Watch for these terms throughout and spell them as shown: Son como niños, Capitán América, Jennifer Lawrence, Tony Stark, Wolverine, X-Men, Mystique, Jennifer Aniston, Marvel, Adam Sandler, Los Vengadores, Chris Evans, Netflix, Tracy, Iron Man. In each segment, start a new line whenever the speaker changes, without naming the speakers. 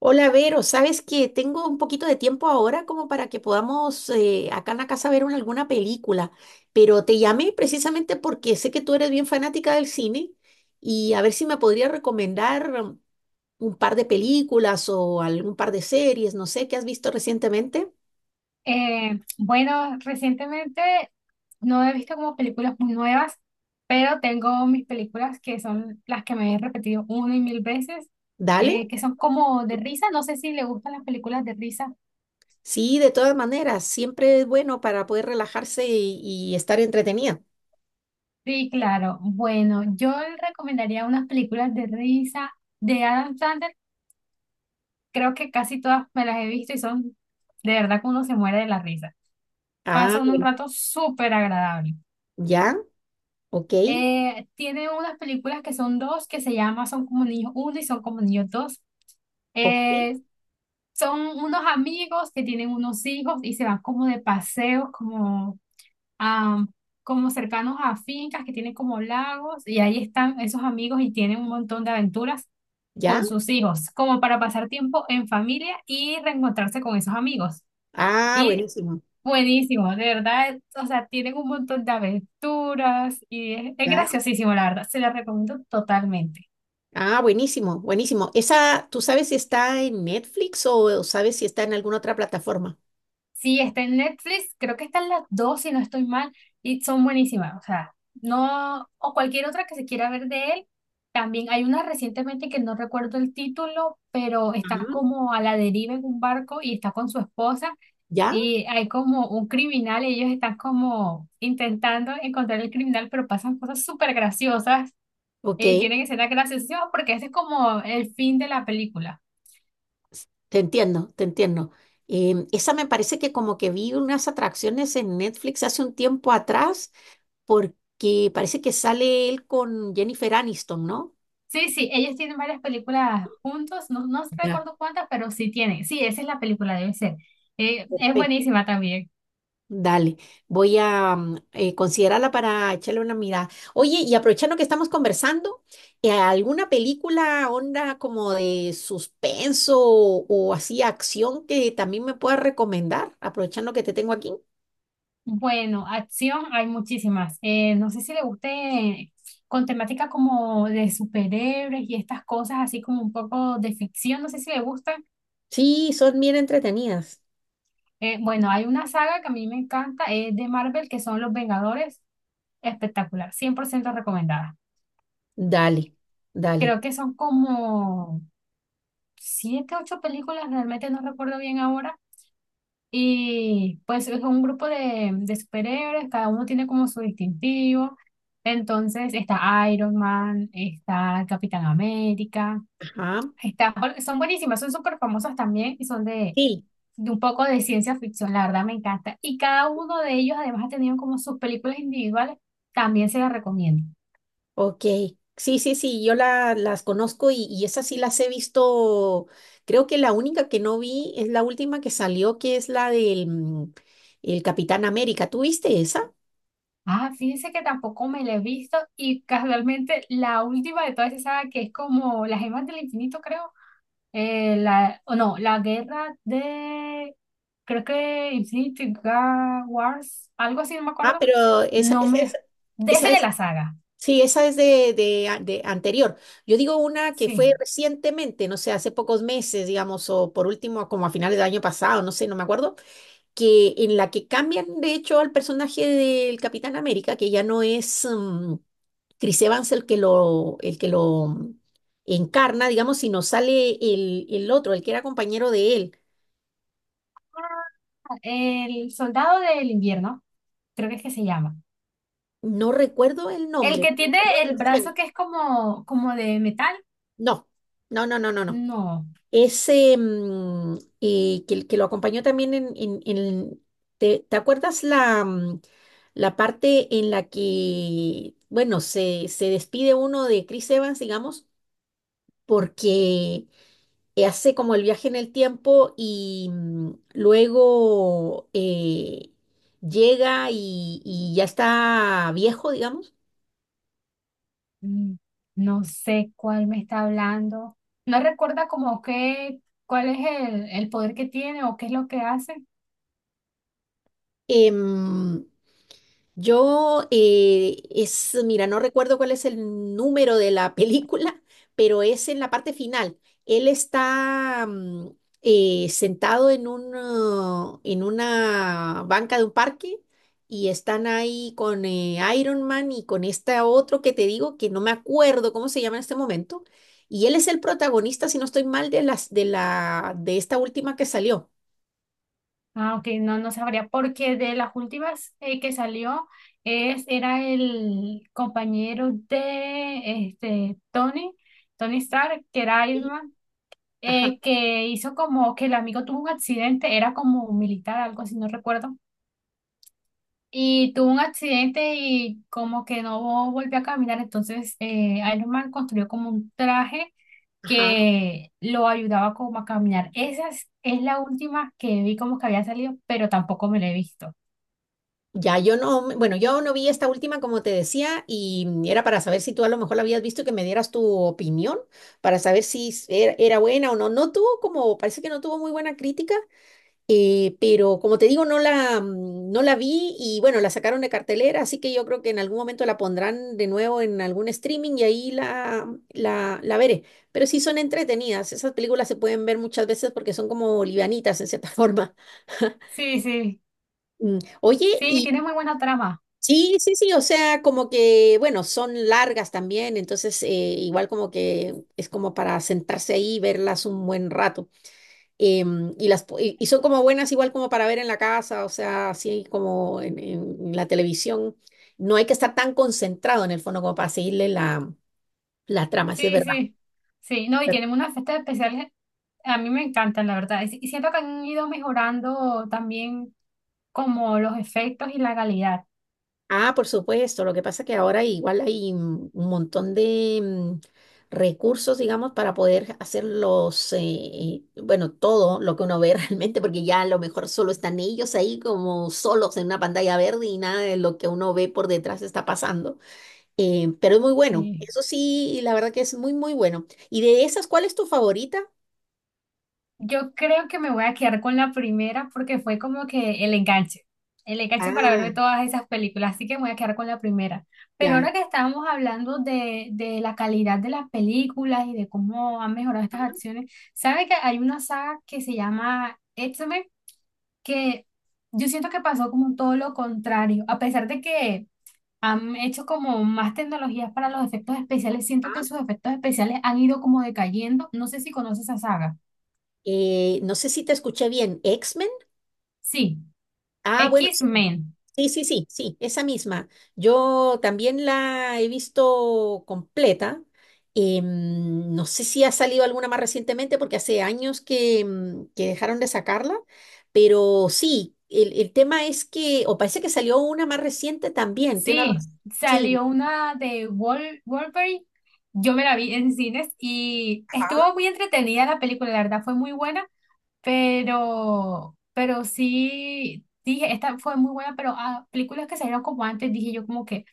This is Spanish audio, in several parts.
Hola, Vero, ¿sabes que tengo un poquito de tiempo ahora como para que podamos acá en la casa ver alguna película? Pero te llamé precisamente porque sé que tú eres bien fanática del cine y a ver si me podría recomendar un par de películas o algún par de series, no sé. ¿Qué has visto recientemente?
Bueno, recientemente no he visto como películas muy nuevas, pero tengo mis películas que son las que me he repetido una y mil veces,
Dale.
que son como de risa. No sé si le gustan las películas de risa.
Sí, de todas maneras, siempre es bueno para poder relajarse y estar entretenida.
Sí, claro. Bueno, yo le recomendaría unas películas de risa de Adam Sandler. Creo que casi todas me las he visto y son de verdad que uno se muere de la risa.
Ah,
Pasa uno un
bueno,
rato súper agradable.
ya, ok,
Tiene unas películas que son dos, que se llama Son como niños uno y Son como niños dos.
ok,
Eh, Son unos amigos que tienen unos hijos y se van como de paseos, a como cercanos a fincas que tienen como lagos y ahí están esos amigos y tienen un montón de aventuras
ya.
con sus hijos, como para pasar tiempo en familia y reencontrarse con esos amigos.
Ah,
Y
buenísimo.
Buenísimo, de verdad, o sea, tienen un montón de aventuras y es graciosísimo, la verdad, se la recomiendo totalmente.
Ah, buenísimo, buenísimo. Esa, ¿tú sabes si está en Netflix o sabes si está en alguna otra plataforma?
Sí, está en Netflix, creo que están las dos, si no estoy mal, y son buenísimas, o sea, no, o cualquier otra que se quiera ver de él, también hay una recientemente que no recuerdo el título, pero está
Ah.
como a la deriva en un barco y está con su esposa
¿Ya?
y hay como un criminal, y ellos están como intentando encontrar el criminal, pero pasan cosas súper graciosas.
Ok,
Y tienen escenas graciosas porque ese es como el fin de la película.
te entiendo, te entiendo. Esa me parece que como que vi unas atracciones en Netflix hace un tiempo atrás porque parece que sale él con Jennifer Aniston, ¿no?
Sí, sí, ellos tienen varias películas juntos, no, no
Ya.
recuerdo cuántas, pero sí tienen. Sí, esa es la película, debe ser. Es buenísima también.
Dale, voy a considerarla para echarle una mirada. Oye, y aprovechando que estamos conversando, ¿alguna película onda como de suspenso o así acción que también me puedas recomendar? Aprovechando que te tengo aquí.
Bueno, acción hay muchísimas. No sé si le guste con temática como de superhéroes y estas cosas así como un poco de ficción, no sé si le gusta.
Sí, son bien entretenidas.
Bueno, hay una saga que a mí me encanta, es de Marvel, que son Los Vengadores. Espectacular, 100% recomendada.
Dale, dale.
Creo que son como siete, ocho películas, realmente no recuerdo bien ahora. Y pues es un grupo de, superhéroes, cada uno tiene como su distintivo. Entonces está Iron Man, está Capitán América,
Ajá.
está, bueno, son buenísimas, son súper famosas también y son
Sí.
de un poco de ciencia ficción, la verdad me encanta. Y cada uno de ellos además ha tenido como sus películas individuales, también se las recomiendo.
Ok, sí, sí, sí, yo las conozco y esas sí las he visto. Creo que la única que no vi es la última que salió, que es la del el Capitán América. ¿Tú viste esa?
Ah, fíjense que tampoco me la he visto y casualmente la última de todas esas que es como las gemas del infinito, creo. O no, la guerra de, creo que Infinity Wars, algo así, no me
Ah,
acuerdo.
pero esa,
No
esa,
me,
esa-
De ese
esa
de
es,
la saga,
sí, esa es de, de anterior. Yo digo una que
sí.
fue recientemente, no sé, hace pocos meses, digamos, o por último, como a finales del año pasado, no sé, no me acuerdo, que en la que cambian, de hecho, al personaje del Capitán América, que ya no es... Chris Evans el que el que lo encarna, digamos, si no sale el otro, el que era compañero de él.
El soldado del invierno, creo que es que se llama.
No recuerdo el
El
nombre,
que
pero
tiene
salió
el
recién.
brazo que es como, como de metal,
No, no, no, no, no, no.
no.
Ese que lo acompañó también en... ¿te, te acuerdas la, la parte en la que, bueno, se despide uno de Chris Evans, digamos, porque hace como el viaje en el tiempo y luego llega y ya está viejo, digamos.
Mm, no sé cuál me está hablando. No recuerda como qué, cuál es el poder que tiene o qué es lo que hace.
Em, es, mira, no recuerdo cuál es el número de la película, pero es en la parte final. Él está sentado en en una banca de un parque y están ahí con Iron Man y con este otro que te digo que no me acuerdo cómo se llama en este momento. Y él es el protagonista, si no estoy mal, de de esta última que salió.
Ah, ok, no, no sabría, porque de las últimas que salió era el compañero de este Tony, Tony Stark, que era Iron
Sí.
Man,
Ajá,
que hizo como que el amigo tuvo un accidente, era como un militar, algo así, no recuerdo. Y tuvo un accidente y como que no volvió a caminar, entonces Iron Man construyó como un traje
ajá.
que lo ayudaba como a caminar. Esa es la última que vi como que había salido, pero tampoco me la he visto.
Ya, yo no, bueno, yo no vi esta última, como te decía, y era para saber si tú a lo mejor la habías visto y que me dieras tu opinión, para saber si era, era buena o no. No tuvo como, parece que no tuvo muy buena crítica, pero como te digo, no no la vi y bueno, la sacaron de cartelera, así que yo creo que en algún momento la pondrán de nuevo en algún streaming y ahí la veré. Pero sí son entretenidas, esas películas se pueden ver muchas veces porque son como livianitas en cierta forma.
Sí, sí,
Oye,
sí, y tiene muy buena trama.
sí, sí, sí, o sea, como que, bueno, son largas también, entonces igual como que es como para sentarse ahí y verlas un buen rato. Y, las, po- y son como buenas igual como para ver en la casa, o sea, así como en la televisión. No hay que estar tan concentrado en el fondo como para seguirle la trama, sí es
Sí,
verdad.
sí, sí, no, y tienen unas fiestas especiales, a mí me encantan, la verdad. Y siento que han ido mejorando también como los efectos y la calidad.
Ah, por supuesto. Lo que pasa es que ahora igual hay un montón de recursos, digamos, para poder hacer bueno, todo lo que uno ve realmente, porque ya a lo mejor solo están ellos ahí como solos en una pantalla verde y nada de lo que uno ve por detrás está pasando. Pero es muy bueno.
Sí.
Eso sí, la verdad que es muy, muy bueno. ¿Y de esas, cuál es tu favorita?
Yo creo que me voy a quedar con la primera porque fue como que el enganche para
Ah,
verme todas esas películas, así que me voy a quedar con la primera. Pero
ya.
ahora que estábamos hablando de, la calidad de las películas y de cómo han mejorado
Ah,
estas acciones, ¿sabe que hay una saga que se llama X-Men? Que yo siento que pasó como todo lo contrario, a pesar de que han hecho como más tecnologías para los efectos especiales, siento que
ah.
sus efectos especiales han ido como decayendo, no sé si conoces esa saga.
No sé si te escuché bien. X.
Sí.
Ah, bueno, sí.
X-Men,
Sí, sí, sí, sí, esa misma. Yo también la he visto completa. No sé si ha salido alguna más recientemente porque hace años que, que dejaron de sacarla, pero sí, el tema es que, o parece que salió una más reciente también, tiene
sí,
razón. Sí,
salió una de Wolverine. Yo me la vi en cines y estuvo muy entretenida la película, la verdad fue muy buena, pero sí, dije, esta fue muy buena, pero a películas que salieron como antes, dije yo como que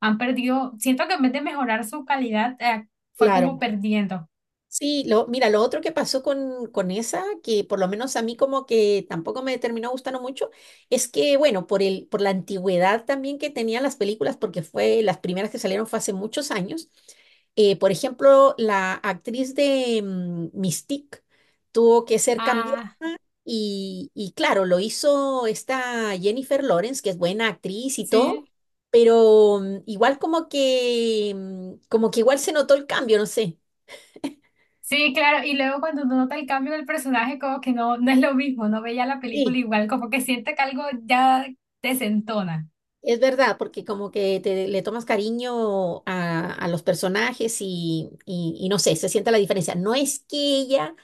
han perdido, siento que en vez de mejorar su calidad, fue como
claro.
perdiendo.
Sí, lo, mira, lo otro que pasó con esa, que por lo menos a mí como que tampoco me terminó gustando mucho, es que, bueno, por por la antigüedad también que tenían las películas, porque fue, las primeras que salieron fue hace muchos años, por ejemplo, la actriz de Mystique tuvo que ser cambiada
Ah,
y claro, lo hizo esta Jennifer Lawrence, que es buena actriz y todo,
sí.
pero igual como que, como que igual se notó el cambio, no sé.
Sí, claro, y luego cuando uno nota el cambio del personaje, como que no, no es lo mismo, no veía la película
Sí.
igual, como que siente que algo ya desentona.
Es verdad, porque como que le tomas cariño a los personajes y no sé, se siente la diferencia. No es que ella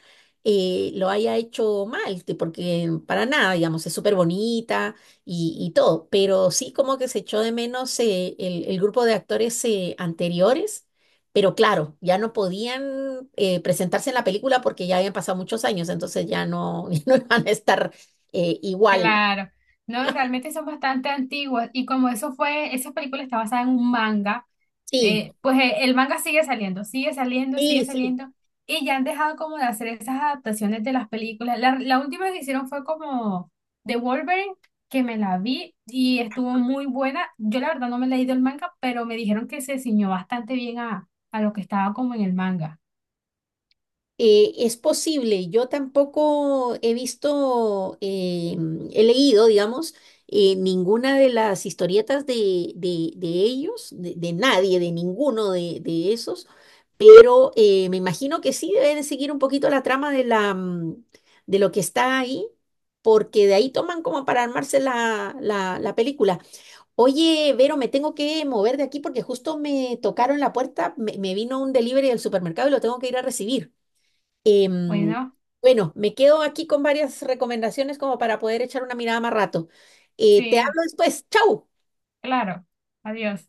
lo haya hecho mal, porque para nada, digamos, es súper bonita y todo, pero sí como que se echó de menos el grupo de actores anteriores, pero claro, ya no podían presentarse en la película porque ya habían pasado muchos años, entonces ya no, no iban a estar igual.
Claro, no, realmente son bastante antiguas y como eso fue, esa película está basada en un manga.
Sí,
Pues el manga sigue saliendo, sigue saliendo, sigue
sí, sí.
saliendo, y ya han dejado como de hacer esas adaptaciones de las películas. La última que hicieron fue como de Wolverine, que me la vi y estuvo muy buena. Yo la verdad no me he leído el manga, pero me dijeron que se ciñó bastante bien a, lo que estaba como en el manga.
Es posible, yo tampoco he visto, he leído, digamos, ninguna de las historietas de, de ellos, de nadie, de ninguno de esos, pero me imagino que sí deben seguir un poquito la trama de la, de lo que está ahí, porque de ahí toman como para armarse la película. Oye, Vero, me tengo que mover de aquí porque justo me tocaron la puerta, me vino un delivery del supermercado y lo tengo que ir a recibir. Em,
Bueno,
bueno, me quedo aquí con varias recomendaciones como para poder echar una mirada más rato. Te
sí,
hablo después. ¡Chau!
claro. Adiós.